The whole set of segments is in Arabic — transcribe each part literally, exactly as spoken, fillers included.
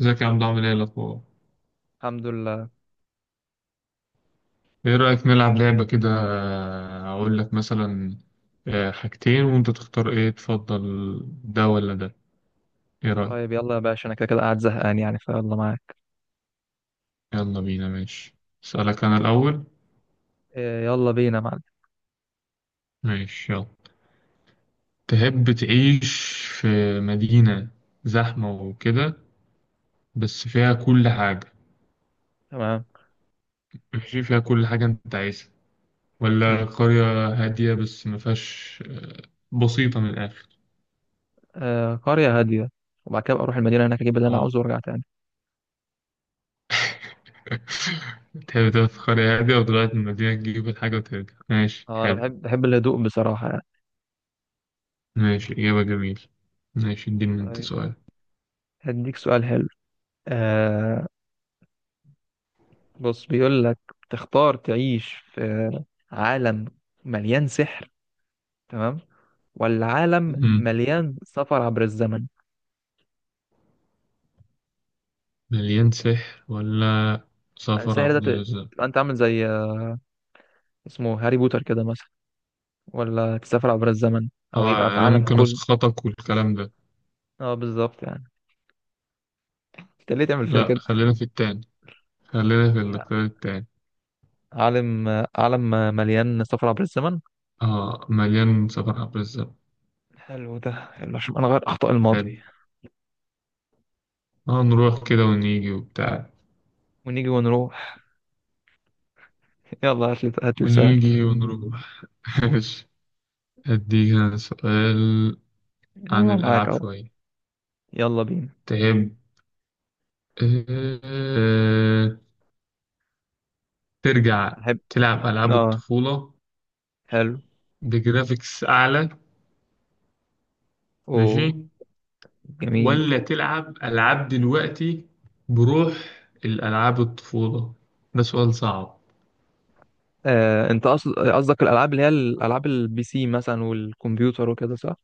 ازيك يا عبد؟ عامل ايه الاخبار؟ الحمد لله. ايه رايك نلعب لعبه كده، آه، اقول لك مثلا آه، حاجتين وانت تختار ايه تفضل، ده ولا ده؟ ايه رايك؟ طيب يلا يا باشا، انا كده كده قاعد زهقان، يعني فيلا معاك. يلا بينا، ماشي. اسالك انا الاول. إيه يلا بينا يا معلم. ماشي، يلا. تحب تعيش في مدينه زحمه وكده بس فيها كل حاجه؟ تمام. ماشي، فيها كل حاجه انت عايزها، ولا حلو. قريه هاديه بس ما فيهاش آه، بسيطه من الاخر؟ آه قرية هادية، وبعد كده أبقى اروح المدينة هناك اجيب اللي انا اه. عاوزه وارجع تاني. تحب تاخد قرية هادية وتغير المدينة تجيب الحاجة وترجع؟ ماشي، اه انا حلو. بحب بحب الهدوء بصراحة يعني. ماشي، إجابة جميلة. ماشي، اديني أنت طيب سؤال. هديك سؤال حلو. آه، بص بيقول لك: تختار تعيش في عالم مليان سحر، تمام، ولا عالم مم. مليان سفر عبر الزمن؟ مليان سحر ولا يعني سفر السحر ده عبد ت- الرزاق؟ تبقى انت عامل زي، آه، اسمه هاري بوتر كده مثلا، ولا تسافر عبر الزمن، او يبقى آه، في أنا عالم ممكن كله. أسخطك والكلام ده. اه بالظبط يعني. انت ليه تعمل فيا لأ، كده؟ خلينا في التاني خلينا في الاختيار التاني. عالم، عالم مليان سفر عبر الزمن. آه، مليان سفر عبد الرزاق. حلو، ده حلو عشان نغير اخطاء الماضي. حلو. آه، نروح كده ونيجي وبتاع. ونيجي ونروح. يلا هات لي هات لي سؤال. ونيجي ونروح. ماشي. أديك أنا سؤال عن يلا معاك الألعاب اهو. شوية. يلا بينا. تحب آه، ترجع احب. تلعب ألعاب اه الطفولة حلو. بجرافيكس أعلى؟ ماشي. اوه. جميل. ولا تلعب ألعاب دلوقتي بروح الألعاب الطفولة؟ ده سؤال صعب. آه، انت قصد قصدك الالعاب اللي هي الالعاب البي سي مثلا والكمبيوتر وكده، صح؟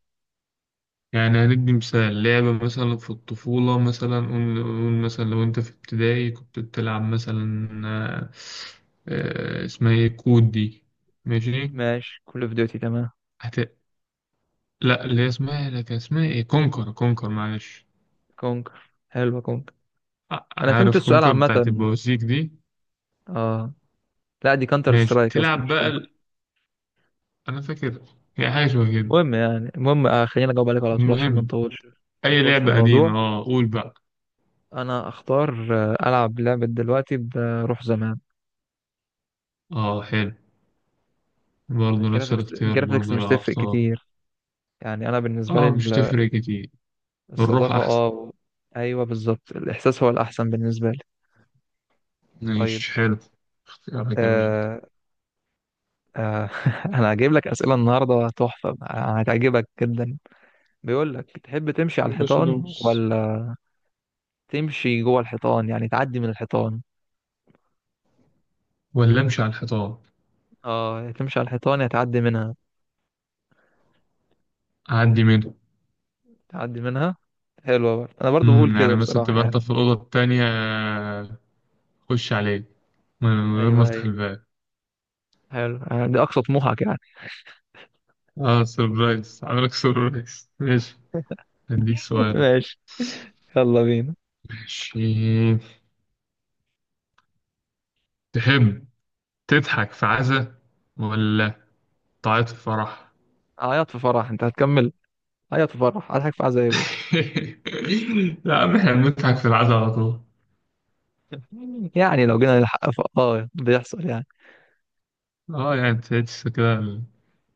يعني هندي مثال لعبة، مثلا في الطفولة مثلا، قول قول مثلا لو أنت في ابتدائي كنت بتلعب مثلا، آه، آه، اسمها إيه كود دي. ماشي. ماشي، كول اوف ديوتي، تمام. هت... لا، اللي هي اسمها، لا كان اسمها إيه، كونكر، كونكر معلش. كونكر، حلو كونكر. ع- انا فهمت عارف السؤال كونكر عامه. بتاعت البوازيك دي؟ اه. لا دي كانتر ماشي سترايك اصلا، تلعب مش بقى كونكر. ال... انا فاكر هي حاجه شبه كده. المهم يعني، المهم آه، خلينا اجاوب عليك على طول عشان ما المهم، نطولش. ما اي نطولش في لعبه الموضوع. قديمه، اه قول بقى. انا اختار، آه، العب لعبه دلوقتي بروح زمان. اه، حلو. برضه نفس الجرافيكس، الاختيار، الجرافيكس برضه مش لا تفرق اختار. كتير، يعني انا بالنسبه لي اه، مش ال- تفرق كتير. الروح الصداقه، احسن. اه و- ايوه بالظبط، الاحساس هو الاحسن بالنسبه لي. طيب. ماشي، حلو، اختيار جميل. آه. آه. انا هجيب لك اسئله النهارده تحفه، هتعجبك جدا. بيقول لك: تحب تمشي على يا باشا الحيطان، دوس. ولا تمشي جوه الحيطان؟ يعني تعدي من الحيطان. ولا امشي على الحيطان؟ اه، يا تمشي على الحيطان يا تعدي منها. اعدي منه. تعدي منها. حلوة برضه، أنا برضه بقول امم، كده يعني مثلا بصراحة تبقى يعني. انت في الاوضه التانية، آه، خش عليه من غير ما أيوه افتح أيوه. الباب. حلو، يعني دي أقصى طموحك يعني. اه سربرايز، عاملك سربرايز. ماشي. أديك سؤال. ماشي. يلا بينا. ماشي. تحب تضحك في عزا ولا تعيط في فرح؟ عيط في فرح، أنت هتكمل. عيط في فرح، هضحك في عزاية بس. لا يا عم، احنا بنضحك في العزا على طول. يعني لو جينا للحق ف... آه بيحصل يعني. اه، يعني تحس كده ال-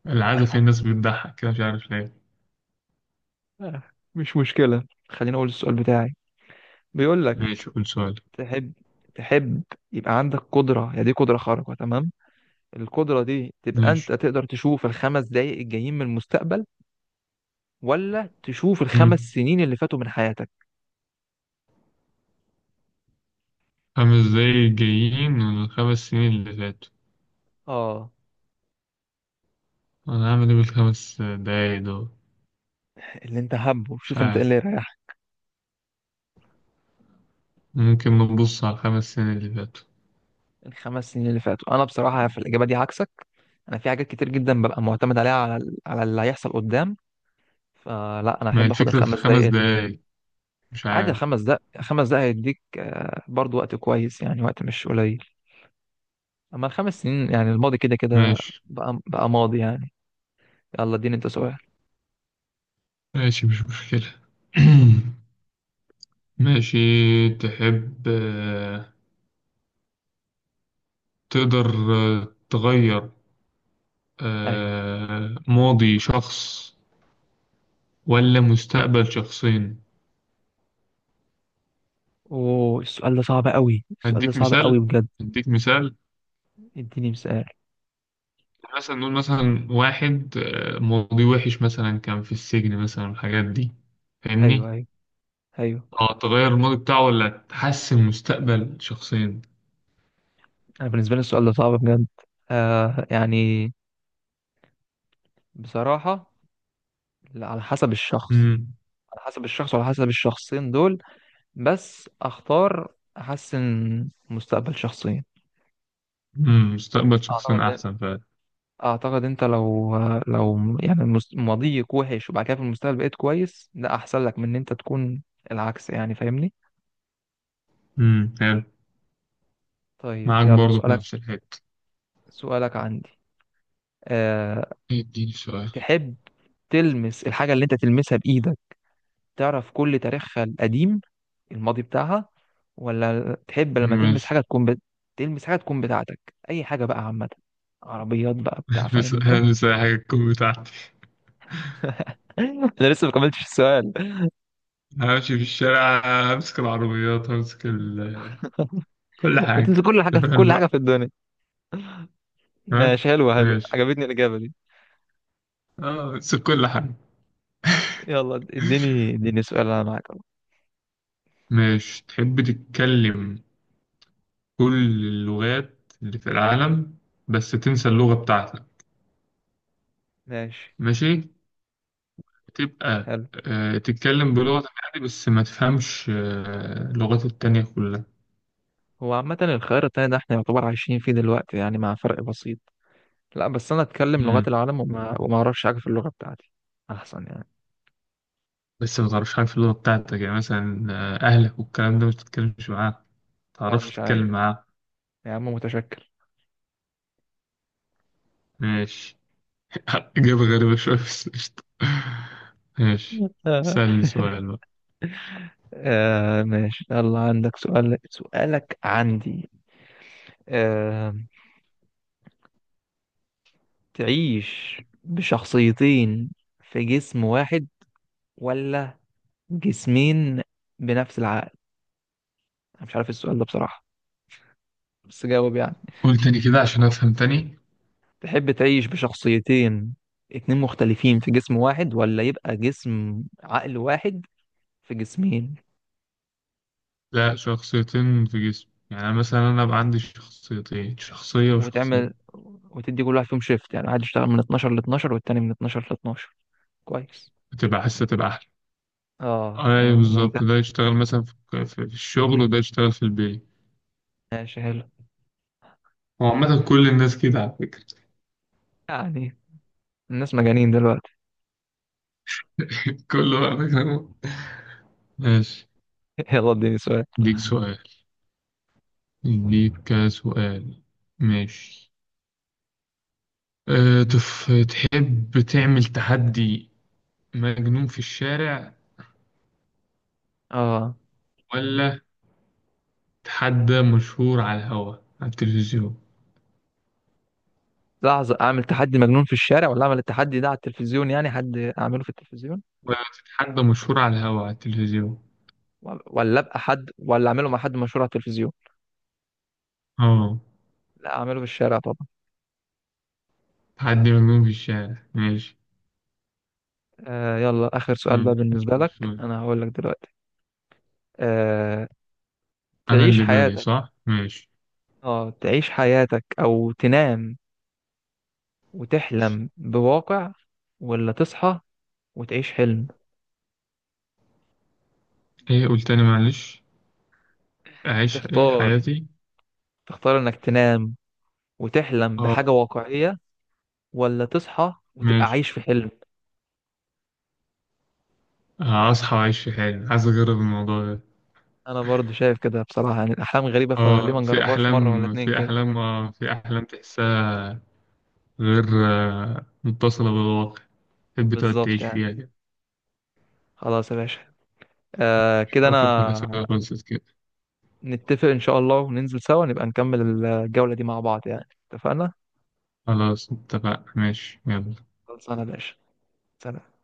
العزا فيه الناس بتضحك كده، مش عارف ليه. آه، مش مشكلة، خليني أقول السؤال بتاعي. بيقول لك: ماشي، قول سؤال. تحب تحب يبقى عندك قدرة، هي دي قدرة خارقة، تمام. القدرة دي تبقى أنت ماشي. تقدر تشوف الخمس دقايق الجايين من المستقبل، ولا تشوف الخمس مم. سنين اللي فاتوا من حياتك. خمس دقايق جايين من الخمس سنين اللي فاتوا. اه، أنا هعمل إيه بالخمس دقايق دول؟ اللي انت حابه، مش شوف انت ايه عارف. اللي يريحك. ممكن نبص على الخمس سنين اللي فاتوا. الخمس سنين اللي فاتوا، انا بصراحه في الاجابه دي عكسك. انا في حاجات كتير جدا ببقى معتمد عليها على ال- على اللي هيحصل قدام. فلا، انا ما هي احب اخد الفكرة في الخمس دقايق الخمس اللي، دقايق؟ مش عادي عارف. الخمس دقايق. الخمس دقايق هيديك آه، برضو وقت كويس، يعني وقت مش قليل. اما الخمس سنين، يعني الماضي كده كده ماشي، بقى، بقى ماضي يعني. يلا اديني انت سؤال. ماشي، مش مشكلة. ماشي. تحب آه، تقدر آه، تغير ايوه. آه، ماضي شخص ولا مستقبل شخصين؟ اوه السؤال ده صعب قوي، السؤال ده هديك صعب قوي مثال، بجد. هديك مثال. اديني مثال. مثلا نقول مثلا واحد آه، ماضي وحش مثلا، كان في السجن مثلا، الحاجات دي، ايوه فاهمني؟ ايوه ايوه. اه، تغير الماضي بتاعه ولا تحسن مستقبل شخصين. انا بالنسبه لي السؤال ده صعب بجد. آه يعني بصراحة، لا، على حسب الشخص. امم. على حسب الشخص وعلى حسب الشخصين دول. بس اختار احسن، مستقبل شخصين. امم، مستقبل شخصين اعتقد، احسن فعلا. اعتقد انت لو لو يعني مس- ماضيك وحش وبعد كده في المستقبل بقيت كويس، ده احسن لك من ان انت تكون العكس يعني، فاهمني؟ امم، حلو. طيب معاك يلا برضو في سؤالك. نفس الحتة. سؤالك عندي. أه. اديني سؤال. تحب تلمس الحاجة اللي انت تلمسها بإيدك تعرف كل تاريخها القديم، الماضي بتاعها، ولا تحب لما تلمس ماشي. حاجة تكون بت... تلمس حاجة تكون بتاعتك، أي حاجة بقى عامة، عربيات بقى بتاع، فاهم هلبس، أنت؟ هلبس أي حاجة تكون بتاعتي. أنا لسه ما كملتش السؤال. همشي في الشارع، همسك العربيات، همسك ال... كل بتنزل حاجة كل حاجة أنت في فاهم كل حاجة بقى. في الدنيا. ها. ماشي، حلوة حلوة، ماشي، عجبتني الإجابة دي. اه همسك كل حاجة. يلا اديني اديني سؤال، أنا معاك أهو. ماشي. تحب تتكلم كل اللغات اللي في العالم بس تنسى اللغة بتاعتك؟ ماشي. ماشي. تبقى حلو. آه، تتكلم بلغة عادي بس ما تفهمش آه، اللغات التانية كلها. هو عامة الخيار التاني ده احنا يعتبر عايشين فيه دلوقتي يعني، مع فرق بسيط. لا بس أنا أتكلم لغات مم. العالم، وما وما أعرفش حاجة في اللغة بتاعتي. أحسن يعني. لسه ما تعرفش حاجة في اللغة بتاعتك، يعني مثلا آه، أهلك والكلام ده مش تتكلمش معاه، ما لا تعرفش مش تتكلم عايز، معاه. يا عم متشكر. ماشي. إجابة غريبة شوية بس قشطة. ماشي، سألني سؤال بقى. آه ماشي، يلا عندك سؤال؟ سؤالك عندي. آه. تعيش بشخصيتين في جسم واحد، ولا جسمين بنفس العقل؟ أنا مش عارف السؤال ده بصراحة، بس جاوب يعني. قول تاني كده عشان أفهم تاني. تحب تعيش بشخصيتين اتنين مختلفين في جسم واحد، ولا يبقى جسم عقل واحد في جسمين؟ لا، شخصيتين في جسمي، يعني مثلا أنا أبقى عندي شخصيتين، شخصية وشخصية. وتعمل وتدي كل واحد فيهم شيفت، يعني واحد يشتغل من اتناشر ل اتناشر والتاني من اتناشر ل اتناشر. كويس. بتبقى حاسة تبقى أحلى. اه يعني أي ممتاز. بالظبط، ده يشتغل مثلا في في- في الشغل وده يشتغل في البيت. ماشي حلو. هو عامة كل الناس كده على فكرة. يعني الناس مجانين دلوقتي. كله على فكرة. ماشي. يلا اديني سؤال. ديك سؤال، ليك سؤال. ماشي. أه تف... تحب تعمل تحدي مجنون في الشارع، اه. ولا تحدى مشهور على الهوا على التلفزيون؟ لحظة، اعمل تحدي مجنون في الشارع ولا اعمل التحدي ده على التلفزيون، يعني حد اعمله في التلفزيون، ولا تتحدى مشهور على الهوا على التلفزيون. ولا ولا ابقى حد ولا اعمله مع حد مشهور على التلفزيون. اه، لا اعمله في الشارع طبعا. تحدي مجنون في الشارع. ماشي، آه يلا اخر سؤال حلو. بقى بالنسبة لك. سؤال. انا هقول لك دلوقتي. آه. انا تعيش اللي بالي حياتك صح، ماشي. اه تعيش حياتك او تنام وتحلم بواقع، ولا تصحى وتعيش حلم؟ ايه قلت تاني معلش؟ اعيش ايه تختار، حياتي؟ تختار انك تنام وتحلم بحاجة اه، واقعية، ولا تصحى وتبقى ماشي، عايش في حلم. هصحى واعيش في حالي، عايز اجرب الموضوع ده. انا برضو شايف كده بصراحة، يعني الاحلام غريبة، فليه ما اه، في نجربهاش مرة ولا احلام اتنين في كده. احلام اه في احلام تحسها، غير آه، متصلة بالواقع. تحب تقعد بالظبط تعيش يعني. فيها كده. خلاص يا باشا. آه كده فكرة انا الأسئلة خلصت كده. نتفق ان شاء الله وننزل سوا نبقى نكمل الجولة دي مع بعض يعني، اتفقنا؟ خلاص، اتفقنا، ماشي، يلا. خلصانة يا باشا. سلام.